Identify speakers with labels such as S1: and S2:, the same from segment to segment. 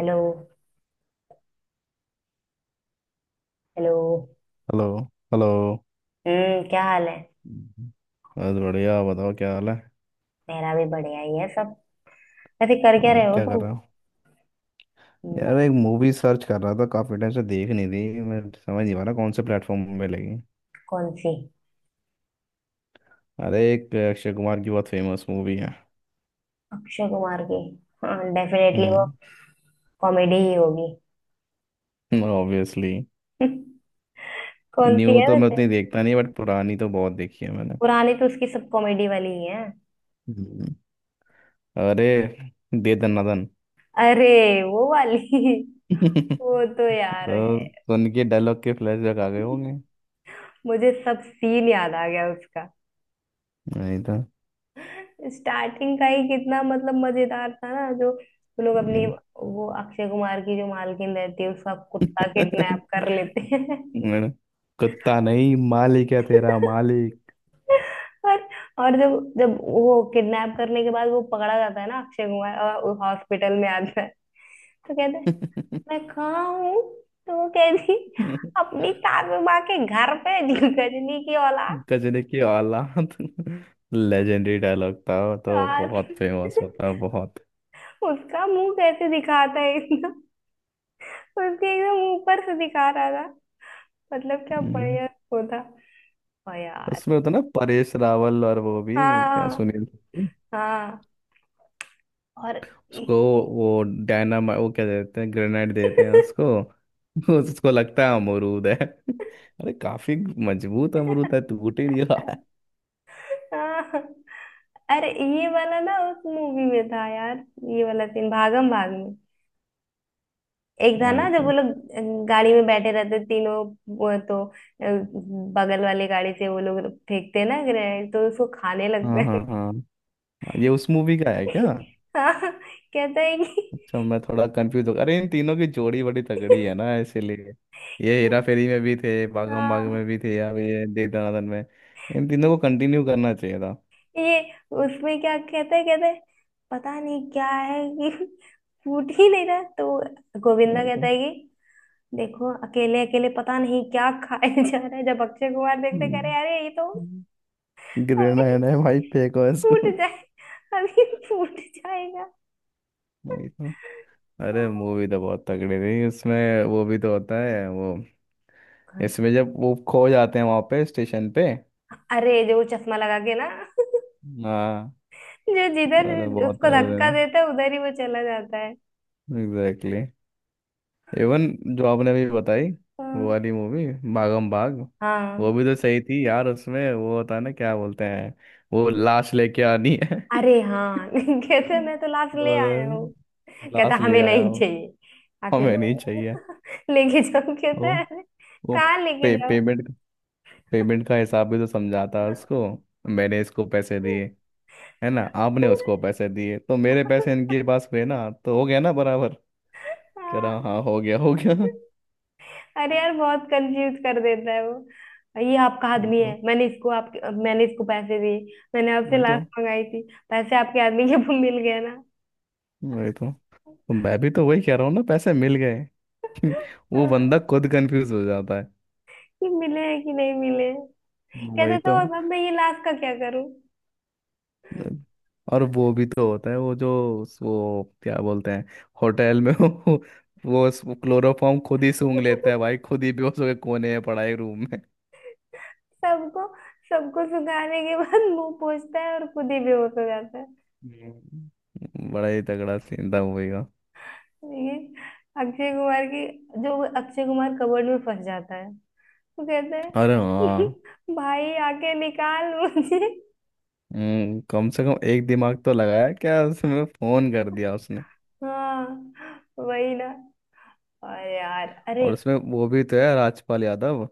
S1: Hello. Hello.
S2: Hello. Hello.
S1: हम्म, क्या हाल है?
S2: हम्म। बस बढ़िया। आप बताओ क्या हाल है?
S1: मेरा भी बढ़िया ही है सब। वैसे कर क्या
S2: और
S1: रहे हो
S2: क्या कर
S1: तुम?
S2: रहे हो? यार
S1: मैं?
S2: एक मूवी सर्च कर रहा था, काफ़ी टाइम से देख नहीं थी, मैं समझ नहीं पा रहा कौन से प्लेटफॉर्म पे लगी।
S1: कौन सी?
S2: अरे एक अक्षय कुमार की बहुत फेमस मूवी है।
S1: अक्षय कुमार की? हाँ, डेफिनेटली वो
S2: हम्म।
S1: कॉमेडी ही होगी।
S2: ऑब्वियसली।
S1: कौन सी
S2: न्यू
S1: है
S2: तो मैं
S1: वैसे?
S2: उतनी देखता नहीं बट पुरानी तो बहुत देखी है मैंने।
S1: पुरानी तो उसकी सब कॉमेडी वाली ही है।
S2: हम्म, अरे दे दना दन।
S1: अरे वो वाली। वो तो यार है,
S2: तो सुन के डायलॉग के फ्लैशबैक आ गए होंगे।
S1: मुझे सब सीन याद आ गया उसका।
S2: नहीं।
S1: स्टार्टिंग का ही कितना मतलब मजेदार था ना, जो वो लोग
S2: तो
S1: अपनी, वो अक्षय कुमार की जो मालकिन रहती है उसका कुत्ता
S2: मैंने,
S1: किडनैप कर लेते हैं।
S2: कुत्ता नहीं, मालिक है तेरा मालिक।
S1: और और जब जब वो किडनैप करने के बाद वो पकड़ा जाता है ना अक्षय कुमार, और हॉस्पिटल में आता है तो कहते हैं, मैं कहाँ हूँ? तो वो कहती, अपनी काबू माँ के घर पे गजनी की औलाद।
S2: गजनी की औलाद। लेजेंडरी डायलॉग था वो, तो
S1: यार।
S2: बहुत फेमस होता है बहुत।
S1: उसका मुंह कैसे दिखाता है इतना, तो उसके एकदम ऊपर से दिखा रहा था। मतलब क्या
S2: हम्म।
S1: बढ़िया वो था। ओ यार।
S2: उसमें होता ना परेश रावल और वो भी, क्या
S1: हाँ,
S2: सुनील शेट्टी,
S1: हाँ। और
S2: उसको
S1: देखो।
S2: वो डायनामा, वो क्या देते हैं ग्रेनेड देते हैं उसको। उसको लगता है अमरूद है। अरे काफी मजबूत अमरूद है टूट ही नहीं रहा है।
S1: हाँ। अरे ये वाला ना उस मूवी में था यार, ये वाला सीन भागम भाग में। एक था
S2: वही
S1: ना जब वो
S2: तो।
S1: लोग गाड़ी में बैठे रहते तीनों, वो तो बगल वाले गाड़ी से वो लोग फेंकते हैं ना ग्रेनेड, तो उसको खाने
S2: हाँ,
S1: लगता है।
S2: हाँ, हाँ। ये उस मूवी का है क्या?
S1: हाँ, कहता है कि,
S2: अच्छा मैं थोड़ा कंफ्यूज हो, अरे इन तीनों की जोड़ी बड़ी तगड़ी है ना, इसीलिए ये हेरा फेरी में भी थे, भागम भाग
S1: हाँ।
S2: में भी थे, अब ये दे दनादन में। इन तीनों को कंटिन्यू करना चाहिए था।
S1: ये उसमें क्या कहते हैं, पता नहीं क्या है कि फूट ही नहीं रहा, तो गोविंदा कहता है कि देखो, अकेले अकेले पता नहीं क्या खाए जा रहा है। जब अक्षय कुमार देखते कह रहे, अरे ये तो अभी
S2: ग्रेनाइड है भाई फेंको इसको।
S1: फूट जाए, अभी फूट जाएगा।
S2: भाई तो, अरे मूवी तो बहुत तगड़ी थी, उसमें वो भी तो होता है वो, इसमें जब वो खो जाते हैं वहां पे स्टेशन पे।
S1: अरे जो वो चश्मा लगा के ना,
S2: हाँ।
S1: जो जिधर
S2: अरे बहुत
S1: उसको
S2: तगड़े
S1: धक्का देता है उधर ही वो चला जाता है।
S2: दिन। एग्जैक्टली। इवन जो आपने अभी बताई वो
S1: हाँ,
S2: वाली मूवी, भागम भाग, वो
S1: हाँ।
S2: भी तो सही थी यार। उसमें वो होता है ना क्या बोलते हैं, वो लाश लेके आनी है।
S1: अरे हाँ। कहते, मैं तो लास्ट ले आया हूँ।
S2: तो
S1: कहता,
S2: लाश ले
S1: हमें
S2: आया
S1: नहीं
S2: हूँ।
S1: चाहिए। आखिर
S2: हमें
S1: वो
S2: नहीं चाहिए।
S1: लेके जाओ, कहता
S2: वो
S1: है, "अरे,
S2: वो
S1: कहाँ लेके
S2: पे,
S1: जाओ?"
S2: पेमेंट। पेमेंट का हिसाब भी तो समझाता है उसको। मैंने इसको पैसे दिए, है ना? आपने उसको पैसे दिए तो मेरे पैसे इनके पास हुए ना, तो हो गया ना बराबर। कह
S1: हाँ।
S2: रहा हाँ हो गया हो गया।
S1: अरे यार बहुत कंफ्यूज कर देता है वो, ये आपका
S2: वही
S1: आदमी है,
S2: तो
S1: मैंने इसको पैसे दिए, मैंने आपसे
S2: वही तो
S1: लास्ट मंगाई थी, पैसे आपके आदमी के वो मिल गए ना?
S2: वही तो मैं भी तो वही कह रहा हूँ ना, पैसे मिल गए। वो बंदा
S1: हाँ,
S2: खुद कंफ्यूज हो जाता है।
S1: कि मिले हैं कि नहीं मिले।
S2: वही
S1: कहते तो
S2: तो।
S1: अब मैं ये लास्ट का क्या करूं?
S2: और वो भी तो होता है वो जो, वो क्या बोलते हैं, होटल में, वो क्लोरोफॉर्म खुद ही सूंघ लेता है भाई, खुद ही बेहोश होकर कोने में पड़ा है रूम में।
S1: सबको सबको सुखाने के बाद मुंह पोछता है और खुद ही बेहोश हो जाता है।
S2: हम्म। बड़ा ही तगड़ा सीन था मूवी का।
S1: ये अक्षय कुमार की, जो अक्षय कुमार कबर्ड में फंस जाता है वो कहता
S2: अरे
S1: है,
S2: हाँ।
S1: भाई आके निकाल मुझे।
S2: कम से कम एक दिमाग तो लगाया क्या, उसमें फोन कर दिया उसने।
S1: हाँ, वही ना। और यार, अरे
S2: और उसमें वो भी तो है, राजपाल यादव,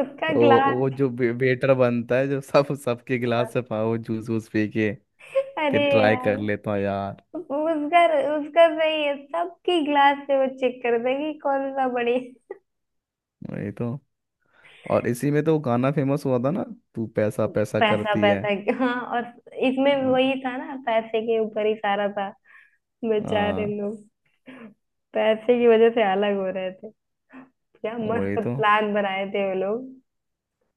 S1: उसका
S2: तो वो
S1: ग्लास।
S2: जो वेटर बनता है जो सब सबके गिलास से पा- वो जूस वूस पी के, कि
S1: अरे
S2: ट्राई कर
S1: यार
S2: लेता हूँ यार।
S1: उसका उसका सही है, सबकी ग्लास से वो चेक करते हैं कि कौन सा बड़ी।
S2: वही तो। और इसी में तो वो गाना फेमस हुआ था ना, तू पैसा पैसा
S1: पैसा
S2: करती है।
S1: पैसा, हाँ। और इसमें
S2: हम्म।
S1: वही था ना, पैसे के ऊपर ही सारा था। बेचारे
S2: हाँ।
S1: लोग पैसे की वजह से अलग हो रहे थे। क्या
S2: वही
S1: मस्त
S2: तो।
S1: प्लान बनाए थे वो लोग।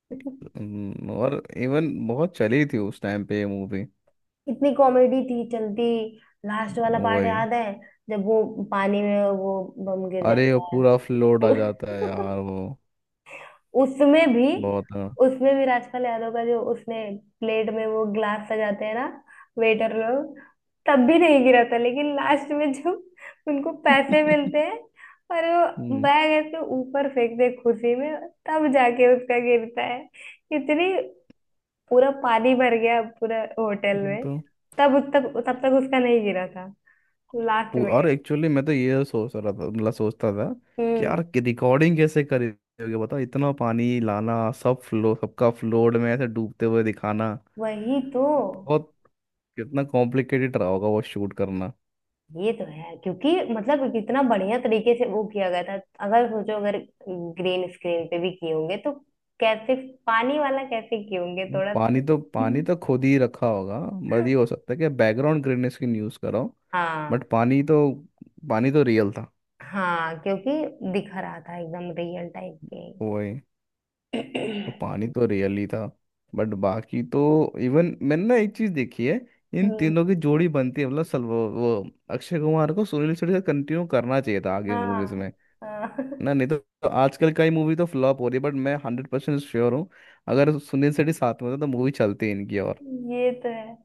S2: और इवन बहुत चली थी उस टाइम पे ये मूवी।
S1: इतनी कॉमेडी थी चलती। लास्ट वाला पार्ट
S2: वही।
S1: याद है, जब वो पानी में वो बम गिर
S2: अरे वो
S1: जाता
S2: पूरा फ्लोट आ
S1: है।
S2: जाता है यार वो,
S1: उसमें भी
S2: बहुत। हाँ।
S1: उसमें भी राजपाल यादव का, जो उसने प्लेट में वो ग्लास सजाते हैं ना वेटर लोग, तब भी नहीं गिरा था। लेकिन लास्ट में जब उनको पैसे मिलते हैं और वो
S2: हम्म।
S1: बैग ऐसे ऊपर फेंकते हैं खुशी में, तब जाके उसका गिरता है। इतनी, पूरा पानी भर गया पूरा होटल
S2: वो
S1: में।
S2: तो
S1: तब तब तब तक उसका नहीं गिरा था, लास्ट
S2: पू-
S1: में।
S2: और एक्चुअली मैं तो ये सोच रहा था, मतलब सोचता था कि
S1: हम्म,
S2: यार रिकॉर्डिंग कैसे करेंगे बताओ, इतना पानी लाना, सब फ्लो सबका फ्लोड में ऐसे डूबते हुए दिखाना।
S1: वही तो।
S2: बहुत, कितना कॉम्प्लिकेटेड रहा होगा वो शूट करना।
S1: ये तो है, क्योंकि मतलब कितना बढ़िया तरीके से वो किया गया था। अगर सोचो, अगर ग्रीन स्क्रीन पे भी किए होंगे तो कैसे पानी वाला कैसे किए होंगे
S2: नहीं,
S1: थोड़ा।
S2: पानी तो खुद ही रखा होगा। बस ये हो सकता है कि बैकग्राउंड ग्रीननेस की यूज़ करो
S1: हाँ,
S2: बट पानी तो, पानी तो रियल था।
S1: हाँ, क्योंकि दिख रहा था एकदम रियल टाइप के।
S2: वही तो, पानी तो रियल ही था बट बाकी तो, इवन मैंने ना एक चीज देखी है, इन
S1: हम्म,
S2: तीनों की जोड़ी बनती है, मतलब सल वो अक्षय कुमार को सुनील शेट्टी से कंटिन्यू करना चाहिए था आगे
S1: हाँ,
S2: मूवीज में।
S1: हाँ।
S2: ना नहीं तो आजकल का ही मूवी तो फ्लॉप हो रही है बट मैं हंड्रेड परसेंट श्योर हूँ, अगर सुनील शेट्टी साथ में होता तो मूवी चलती इनकी और।
S1: ये तो है।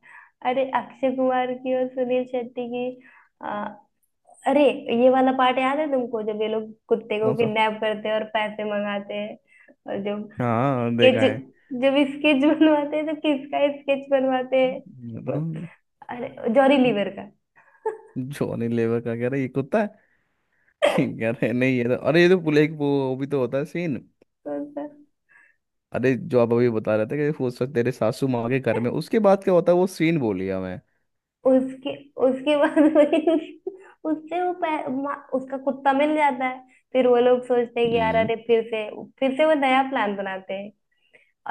S1: अरे अक्षय कुमार की और सुनील शेट्टी की आ, अरे ये वाला पार्ट याद है तुमको, जब ये लोग कुत्ते को
S2: कौन सा?
S1: किडनैप करते हैं और पैसे मंगाते हैं? और जो
S2: हाँ देखा
S1: स्केच,
S2: है।
S1: लेकिन जब स्केच बनवाते हैं तो किसका स्केच बनवाते हैं?
S2: तो
S1: उस- अरे जॉरी लीवर का,
S2: जॉनी लेवर का कह रहा है ये कुत्ता है। कह रहे नहीं, ये तो अरे ये तो पुलिस, वो भी तो होता है सीन।
S1: तो
S2: अरे जो आप अभी बता रहे थे कि हो सकता तेरे सासू माँ के घर में, उसके बाद क्या होता है वो सीन बोलिया मैं।
S1: उसके उसके बाद उससे वो उसका कुत्ता मिल जाता है। फिर वो लोग सोचते हैं कि यार,
S2: हम्म।
S1: अरे फिर से, वो नया प्लान बनाते हैं।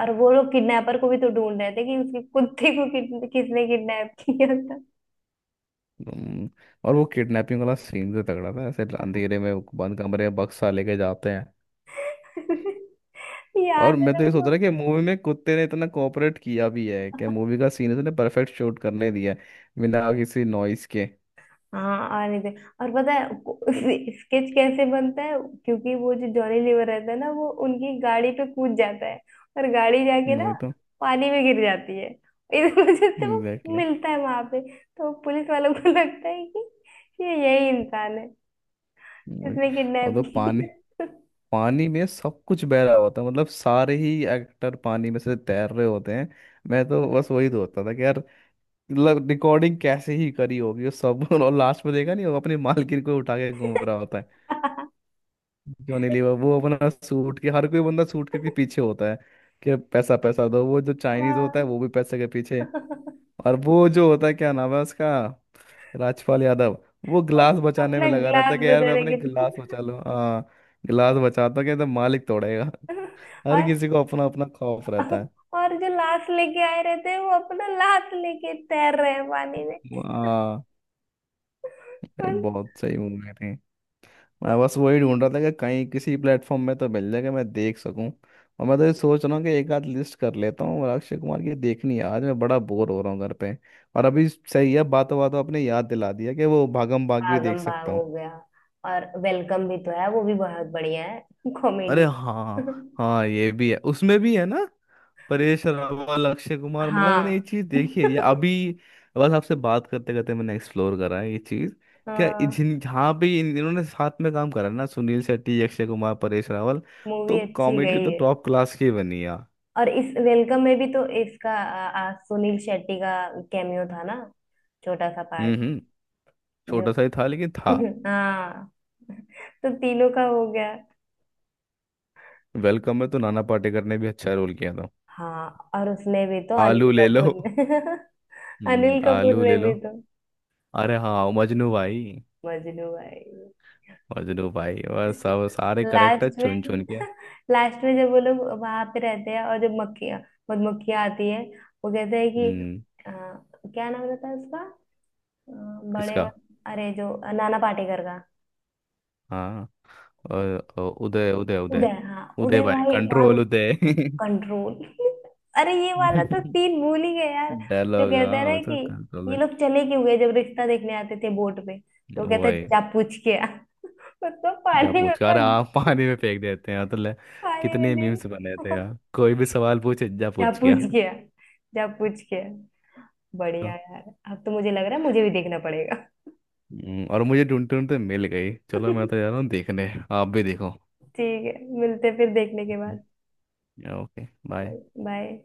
S1: और वो लोग किडनैपर को भी तो ढूंढ रहे थे कि उसके कुत्ते को किसने किडनैप किया था।
S2: हम्म, और वो किडनैपिंग वाला सीन भी तगड़ा था, ऐसे अंधेरे में वो बंद कमरे में बक्सा लेके जाते हैं। और
S1: याद है
S2: मैं तो ये सोच
S1: तुमको?
S2: रहा कि मूवी में कुत्ते ने इतना कोऑपरेट किया भी है कि मूवी का सीन इसने परफेक्ट शूट करने दिया है बिना किसी नॉइस के।
S1: हाँ, और नहीं तो- और पता है स्केच कैसे बनता है? क्योंकि वो जो जॉनी लीवर रहता है ना, वो उनकी गाड़ी पे कूद जाता है, और गाड़ी जाके ना
S2: वही तो।
S1: पानी में गिर जाती है, इस वजह से वो
S2: एग्जैक्टली।
S1: मिलता है वहां पे, तो पुलिस वालों को लगता है कि ये यही इंसान है,
S2: वही।
S1: इसने
S2: और
S1: किडनैप
S2: तो पानी,
S1: किया।
S2: पानी में सब कुछ बह रहा होता है, मतलब सारे ही एक्टर पानी में से तैर रहे होते हैं। मैं तो
S1: पूरा-
S2: बस वही सोचता था कि यार, मतलब रिकॉर्डिंग कैसे ही करी होगी वो सब। और लास्ट में देखा नहीं, वो अपने मालकिन को उठा के घूम रहा होता है जॉनी लीवर, वो अपना सूट के, हर कोई बंदा सूट के पीछे होता है कि पैसा पैसा दो, वो जो चाइनीज होता
S1: हाँ।
S2: है वो भी पैसे के पीछे, और वो जो होता है क्या नाम है उसका, राजपाल यादव, वो
S1: अब
S2: ग्लास बचाने में
S1: अपना
S2: लगा रहता
S1: ग्लास
S2: है कि यार
S1: बजा
S2: मैं
S1: रहे
S2: अपने गिलास
S1: कितने?
S2: बचा लूं। हाँ, गिलास बचाता हूं कि तो मालिक तोड़ेगा। हर
S1: और
S2: किसी को अपना अपना खौफ रहता है।
S1: और जो लाश लेके आए रहते हैं, वो अपना लाश लेके तैर रहे हैं पानी में।
S2: हाँ। ये बहुत सही मूवी थी। मैं बस वही ढूंढ रहा था कि कहीं किसी प्लेटफॉर्म में तो मिल जाए कि मैं देख सकूं, और मैं तो ये सोच रहा हूँ कि एक आध लिस्ट कर लेता हूँ और अक्षय कुमार की देखनी है आज, मैं बड़ा बोर हो रहा हूँ घर पे। और अभी सही है, बातों बातों आपने याद दिला दिया कि वो भागम भाग भी
S1: भागम
S2: देख
S1: भाग
S2: सकता हूँ।
S1: हो गया, और वेलकम भी तो है, वो भी बहुत बढ़िया है
S2: अरे
S1: कॉमेडी।
S2: हाँ। हाँ ये भी है, उसमें भी है ना परेश रावल, अक्षय कुमार, मतलब मैंने ये
S1: हाँ,
S2: चीज देखी है ये अभी, बस आपसे बात करते करते मैंने एक्सप्लोर करा है ये चीज, क्या
S1: हाँ।
S2: जिन जहाँ पे इन्होंने साथ में काम करा ना सुनील शेट्टी अक्षय कुमार परेश रावल,
S1: मूवी
S2: तो
S1: अच्छी
S2: कॉमेडी
S1: गई
S2: तो
S1: है।
S2: टॉप क्लास की बनी है।
S1: और इस वेलकम में भी तो इसका आ, आ, सुनील शेट्टी का कैमियो था ना, छोटा सा
S2: हम्म,
S1: पार्ट,
S2: हम्म।
S1: जो
S2: छोटा सा ही था लेकिन था।
S1: हाँ। तो तीनों का हो गया।
S2: वेलकम में तो नाना पाटेकर ने भी अच्छा रोल किया था।
S1: हाँ, और उसमें भी तो अनिल
S2: आलू ले लो।
S1: कपूर ने
S2: हम्म,
S1: अनिल
S2: आलू
S1: कपूर ने
S2: ले लो।
S1: भी तो,
S2: अरे हाँ मजनू भाई।
S1: मजनू भाई।
S2: मजनू भाई और सब सारे करेक्टर
S1: लास्ट
S2: चुन चुन
S1: में
S2: के।
S1: लास्ट में जब वो लोग वहां पे रहते हैं और जब मक्खियाँ, मधुमक्खियाँ आती है, वो कहते हैं कि,
S2: हम्म।
S1: अ, क्या नाम रहता है उसका? अ, बड़े
S2: किसका?
S1: वाले- अरे जो नाना पाटेकर का।
S2: हाँ, और उदय उदय
S1: उदय,
S2: उदय
S1: हाँ
S2: उदय
S1: उदय
S2: भाई
S1: भाई वहां।
S2: कंट्रोल उदय।
S1: कंट्रोल। अरे ये वाला तो सीन भूल ही गए यार, जो
S2: डायलॉग
S1: कहता
S2: हाँ,
S1: है ना
S2: और तो
S1: कि
S2: कंट्रोल
S1: ये
S2: है
S1: लोग चले क्यों गए? जब रिश्ता देखने आते थे बोट पे, तो कहता है
S2: वही।
S1: जा पूछ के आ। उसको
S2: जब
S1: पानी में
S2: पूछा
S1: उसका,
S2: रहा आप पानी में फेंक देते हैं तो ले।
S1: पानी में
S2: कितने मीम्स बने थे
S1: देख।
S2: यार, कोई भी सवाल पूछे जा
S1: जा
S2: पूछ गया।
S1: पूछ के आ, जा पूछ के आ।
S2: तो,
S1: बढ़िया यार। अब तो मुझे लग रहा है मुझे भी देखना पड़ेगा।
S2: और मुझे ढूंढते ढूंढते मिल गई, चलो मैं तो जा रहा हूँ देखने, आप भी देखो।
S1: ठीक है, मिलते हैं फिर देखने के बाद।
S2: Okay, bye.
S1: बाय।